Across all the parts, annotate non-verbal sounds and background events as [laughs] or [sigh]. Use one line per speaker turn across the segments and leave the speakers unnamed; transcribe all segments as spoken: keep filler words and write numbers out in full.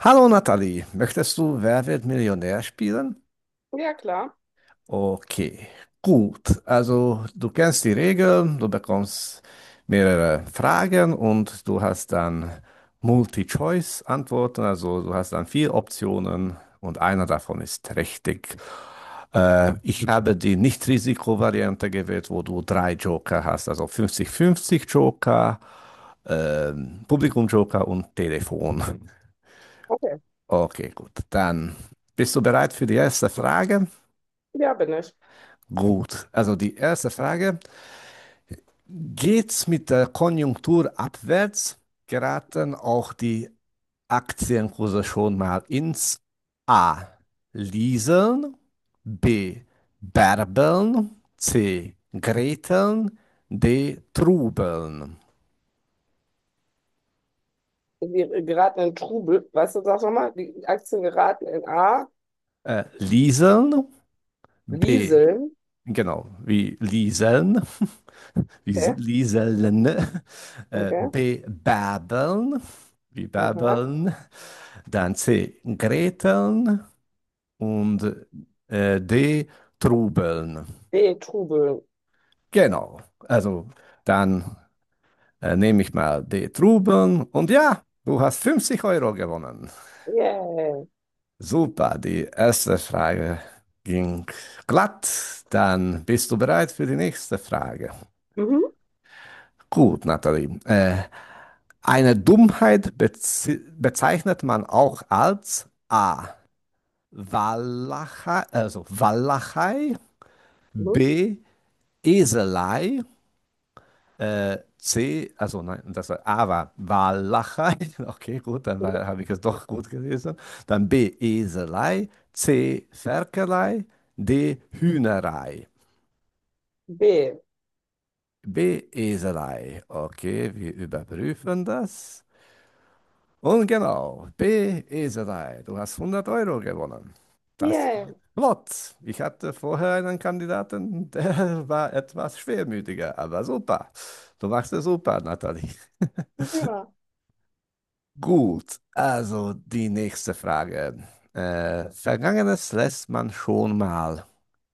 Hallo Nathalie, möchtest du Wer wird Millionär spielen?
Ja, klar.
Okay, gut. Also du kennst die Regeln, du bekommst mehrere Fragen und du hast dann Multi-Choice-Antworten, also du hast dann vier Optionen und einer davon ist richtig. Äh, ich habe die Nicht-Risiko-Variante gewählt, wo du drei Joker hast, also fünfzig-fünfzig Joker, ähm, Publikum-Joker und Telefon.
Okay.
Okay, gut. Dann bist du bereit für die erste Frage?
Ja, bin ich.
Gut. Also die erste Frage. Geht's mit der Konjunktur abwärts? Geraten auch die Aktienkurse schon mal ins A. Lieseln, B. Bärbeln, C. Greteln, D. Trubeln.
Wir äh, geraten in Trubel. Weißt du, sag nochmal, die Aktien geraten in A,
Äh, Lieseln, B.
Lieseln.
Genau, wie lieseln, [laughs] wie sie-
Okay.
lieseln, äh,
Okay.
bebabbeln, wie
Aha.
babbeln, dann C, greteln und äh, D, trubeln.
B, Trubeln.
Genau, also dann äh, nehme ich mal D, trubeln und ja, du hast fünfzig Euro gewonnen.
Yay.
Super, die erste Frage ging glatt. Dann bist du bereit für die nächste Frage.
Mhm.
Gut, Nathalie. Äh, Eine Dummheit bezi- bezeichnet man auch als A. Wallachei, also Wallachei,
Mhm.
B. Eselei, äh, C. Also nein, das war A war Wallachei. [laughs] Okay, gut, dann
Mhm.
war- habe ich es doch gut gelesen. Dann B. Eselei, C. Ferkelei, D. Hühnerei.
B.
B. Eselei. Okay, wir überprüfen das. Und genau, B Beeserei, du hast hundert Euro gewonnen. Das
Yay.
geht flott. Ich hatte vorher einen Kandidaten, der [laughs] war etwas schwermütiger, aber super. Du machst es super, Nathalie.
Ja.
Gut, also die nächste Frage. Äh, Vergangenes lässt man schon mal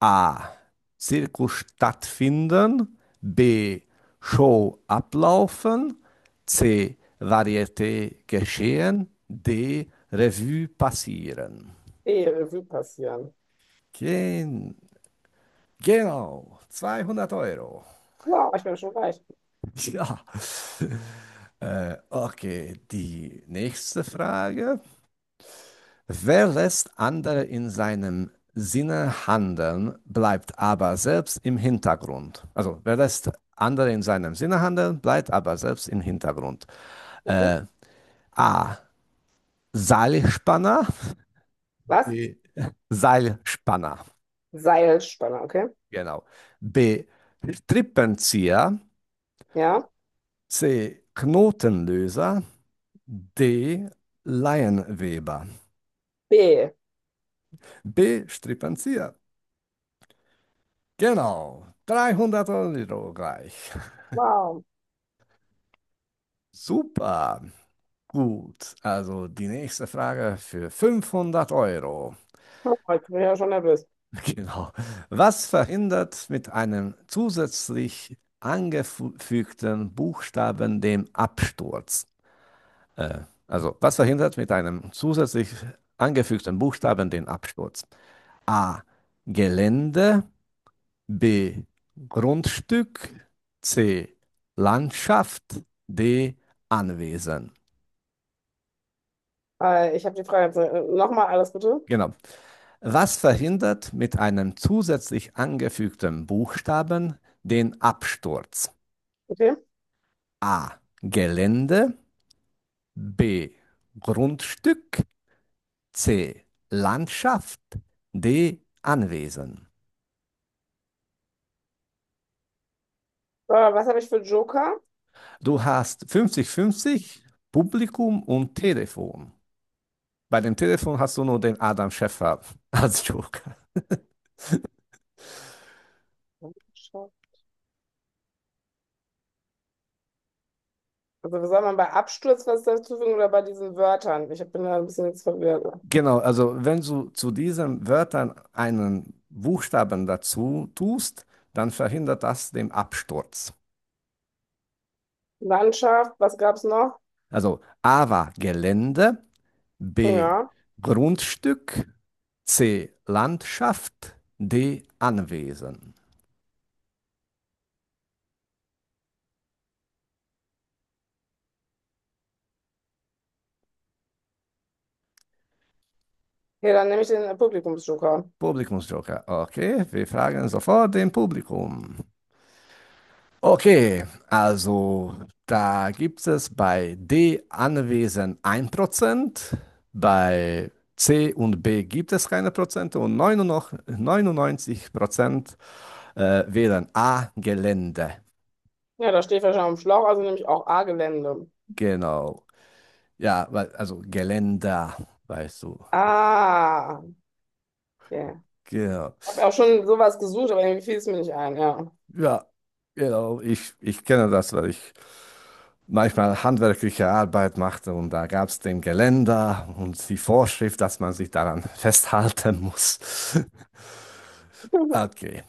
A. Zirkus stattfinden, B. Show ablaufen, C. Varieté geschehen, D. Revue passieren.
E, Revue passieren.
Gen genau, zweihundert Euro.
Wow, ich bin schon reich.
[laughs] Ja, äh, okay, die nächste Frage. Wer lässt andere in seinem Sinne handeln, bleibt aber selbst im Hintergrund. Also wer lässt andere in seinem Sinne handeln, bleibt aber selbst im Hintergrund.
Mhm.
Äh, A. Seilspanner.
Was?
B. Seilspanner.
Seilspanner, okay?
Genau. B. Strippenzieher.
Ja.
C. Knotenlöser. D. Laienweber.
B.
B. Strippenzieher. Genau. dreihundert Euro gleich.
Wow.
Super. Gut, also die nächste Frage für fünfhundert Euro. [laughs]
Oh, ich bin ja schon nervös.
Genau. Was verhindert mit einem zusätzlich angefügten Buchstaben den Absturz? Äh, also, was verhindert mit einem zusätzlich angefügten Buchstaben den Absturz? A. Gelände. B. Grundstück. C. Landschaft. D. Anwesen.
Äh, ich habe die Frage jetzt äh, nochmal alles bitte.
Genau. Was verhindert mit einem zusätzlich angefügten Buchstaben den Absturz?
Okay. Äh,
A. Gelände. B. Grundstück. C. Landschaft. D. Anwesen.
was habe ich für Joker?
Du hast fünfzig fünfzig Publikum und Telefon. Bei dem Telefon hast du nur den Adam Schäffer [laughs] als Joker.
Also soll man bei Absturz was dazu fügen oder bei diesen Wörtern? Ich bin da ein bisschen jetzt verwirrt.
Genau, also wenn du zu diesen Wörtern einen Buchstaben dazu tust, dann verhindert das den Absturz.
Landschaft, was gab's noch?
Also A war Gelände, B
Ja.
Grundstück, C Landschaft, D Anwesen.
Hier, dann nehme ich den Publikumsjoker.
Publikumsjoker. Okay, wir fragen sofort dem Publikum. Okay, also da gibt es bei D anwesend ein Prozent, bei C und B gibt es keine Prozente und neunundneunzig Prozent äh, wählen A Gelände.
Ja, da steht wahrscheinlich am Schlauch, also nehme ich auch A-Gelände.
Genau. Ja, weil- also Geländer, weißt du.
Ah, okay.
Genau.
Ich habe auch schon sowas gesucht, aber irgendwie fiel es mir nicht ein, ja.
Ja, genau. Ich, ich kenne das, weil ich manchmal handwerkliche Arbeit machte und da gab es den Geländer und die Vorschrift, dass man sich daran [laughs] festhalten muss.
[laughs]
Okay,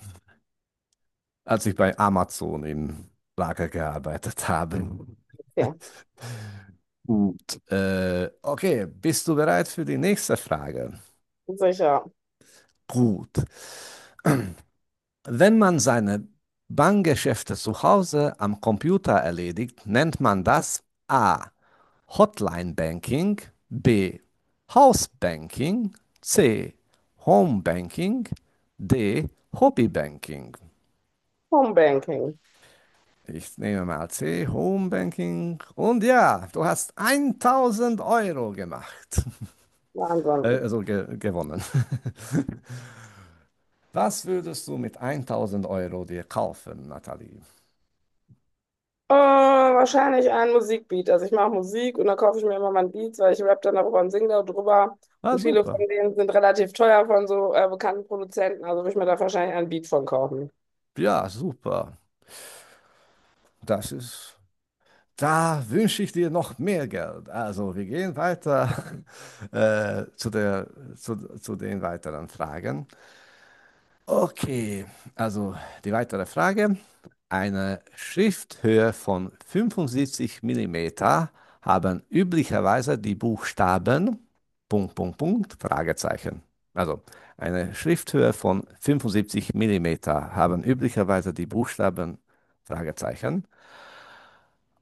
als ich bei Amazon im Lager gearbeitet habe.
Okay,
Gut, äh, okay, bist du bereit für die nächste Frage?
sicher.
Gut. [clears throat] Wenn man seine Bankgeschäfte zu Hause am Computer erledigt, nennt man das A. Hotline Banking, B. House Banking, C. Home Banking, D. Hobby Banking.
Homebanking.
Ich nehme mal C, Home Banking. Und ja, du hast tausend Euro gemacht. [laughs] Äh,
Wahnsinn.
also ge gewonnen. [laughs] Was würdest du mit tausend Euro dir kaufen, Nathalie?
Äh, wahrscheinlich ein Musikbeat. Also ich mache Musik und dann kaufe ich mir immer mein Beats, weil ich rap dann darüber und singe darüber.
Ah,
Und viele
super.
von denen sind relativ teuer von so äh, bekannten Produzenten. Also würde ich mir da wahrscheinlich einen Beat von kaufen.
Ja, super. Das ist Da wünsche ich dir noch mehr Geld. Also, wir gehen weiter [laughs] äh, zu der, zu, zu den weiteren Fragen. Okay, also die weitere Frage. Eine Schrifthöhe von fünfundsiebzig Millimeter haben üblicherweise die Buchstaben Punkt, Punkt, Punkt, Fragezeichen. Also, eine Schrifthöhe von fünfundsiebzig Millimeter haben üblicherweise die Buchstaben Fragezeichen.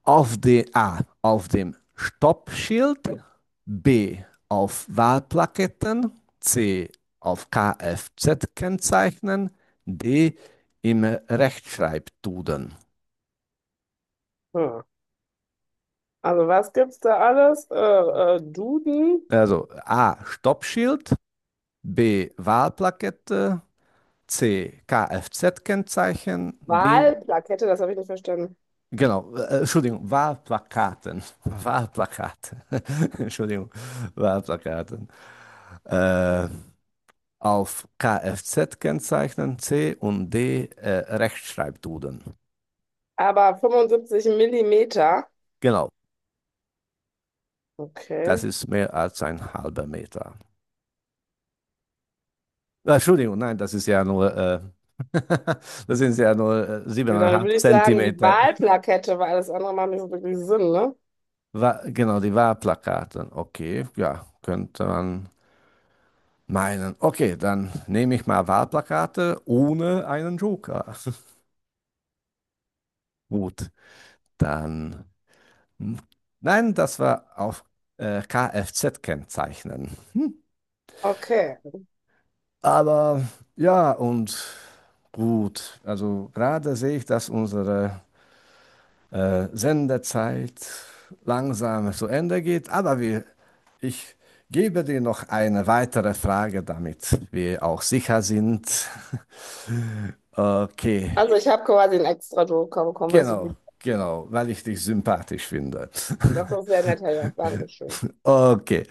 Auf de, A. Auf dem Stoppschild. B. Auf Wahlplaketten. C. Auf kfz Kennzeichen, D. Im Rechtschreibduden.
Hm. Also was gibt's da alles? Äh, äh, Duden,
Also A. Stoppschild. B. Wahlplakette. C. Kfz-Kennzeichen. D.
Wahlplakette, das habe ich nicht verstanden.
Genau, äh, Entschuldigung, Wahlplakaten. Wahlplakaten. [laughs] Entschuldigung, Wahlplakaten. Äh, auf Kfz-Kennzeichen C und D äh, Rechtschreibduden.
Aber fünfundsiebzig Millimeter.
Genau, das
Okay.
ist mehr als ein halber Meter. Äh, Entschuldigung, nein, das ist ja nur, äh, [laughs] das sind ja nur äh,
Ja, dann
siebeneinhalb
würde ich sagen, die
Zentimeter.
Wahlplakette, weil alles andere macht nicht so wirklich Sinn, ne?
Wa Genau, die Wahlplakate. Okay, ja, könnte man meinen. Okay, dann nehme ich mal Wahlplakate ohne einen Joker. [laughs] Gut, dann. Nein, das war auf äh, Kfz-Kennzeichen.
Okay.
Aber ja, und gut, also gerade sehe ich, dass unsere äh, Sendezeit langsam zu Ende geht, aber wir, ich gebe dir noch eine weitere Frage, damit wir auch sicher sind. Okay,
Also ich habe quasi einen extra Druck bekommen, weil ich so
genau,
gut.
genau, weil ich dich sympathisch finde.
Das ist
[laughs]
sehr nett, Herr Joch. Dankeschön.
Okay.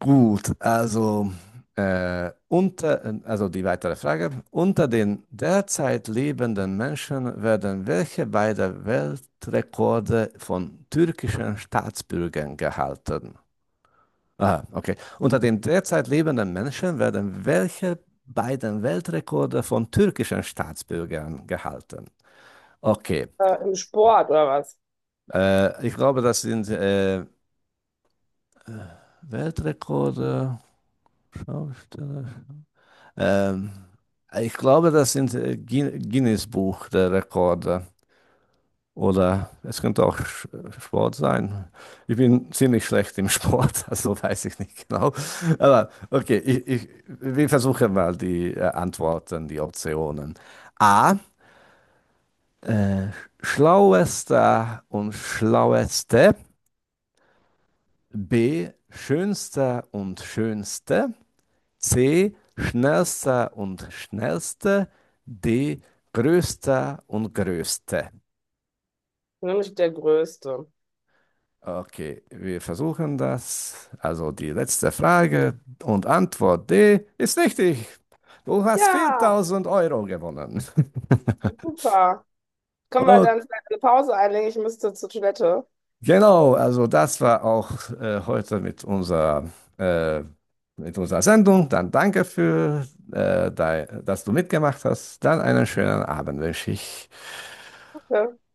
Gut, also, äh, unter, also die weitere Frage. Unter den derzeit lebenden Menschen werden welche beiden Weltrekorde von türkischen Staatsbürgern gehalten? Aha, okay. Unter den derzeit lebenden Menschen werden welche beiden Weltrekorde von türkischen Staatsbürgern gehalten? Okay,
Äh, im Sport oder was?
äh, ich glaube, das sind äh, Weltrekorde, Schausteller. Ähm, ich glaube, das sind äh, Gui- Guinness Buch der Rekorde. Oder es könnte auch Sch- Sport sein. Ich bin ziemlich schlecht im Sport, [laughs] also weiß ich nicht genau. Aber okay, ich, ich, wir versuchen mal die äh, Antworten, die Optionen. A. Äh, schlauester und schlaueste. B. Schönster und schönste. C. Schnellster und schnellste. D. Größter und größte.
Nämlich der Größte.
Okay, wir versuchen das. Also die letzte Frage und Antwort D ist richtig. Du hast
Ja,
viertausend Euro gewonnen. [laughs]
super. Können wir
Oh,
dann vielleicht eine Pause einlegen? Ich müsste zur Toilette.
genau, also das war auch äh, heute mit unserer, äh, mit unserer Sendung. Dann danke für, äh, dei- dass du mitgemacht hast. Dann einen schönen Abend wünsche ich.
Äh,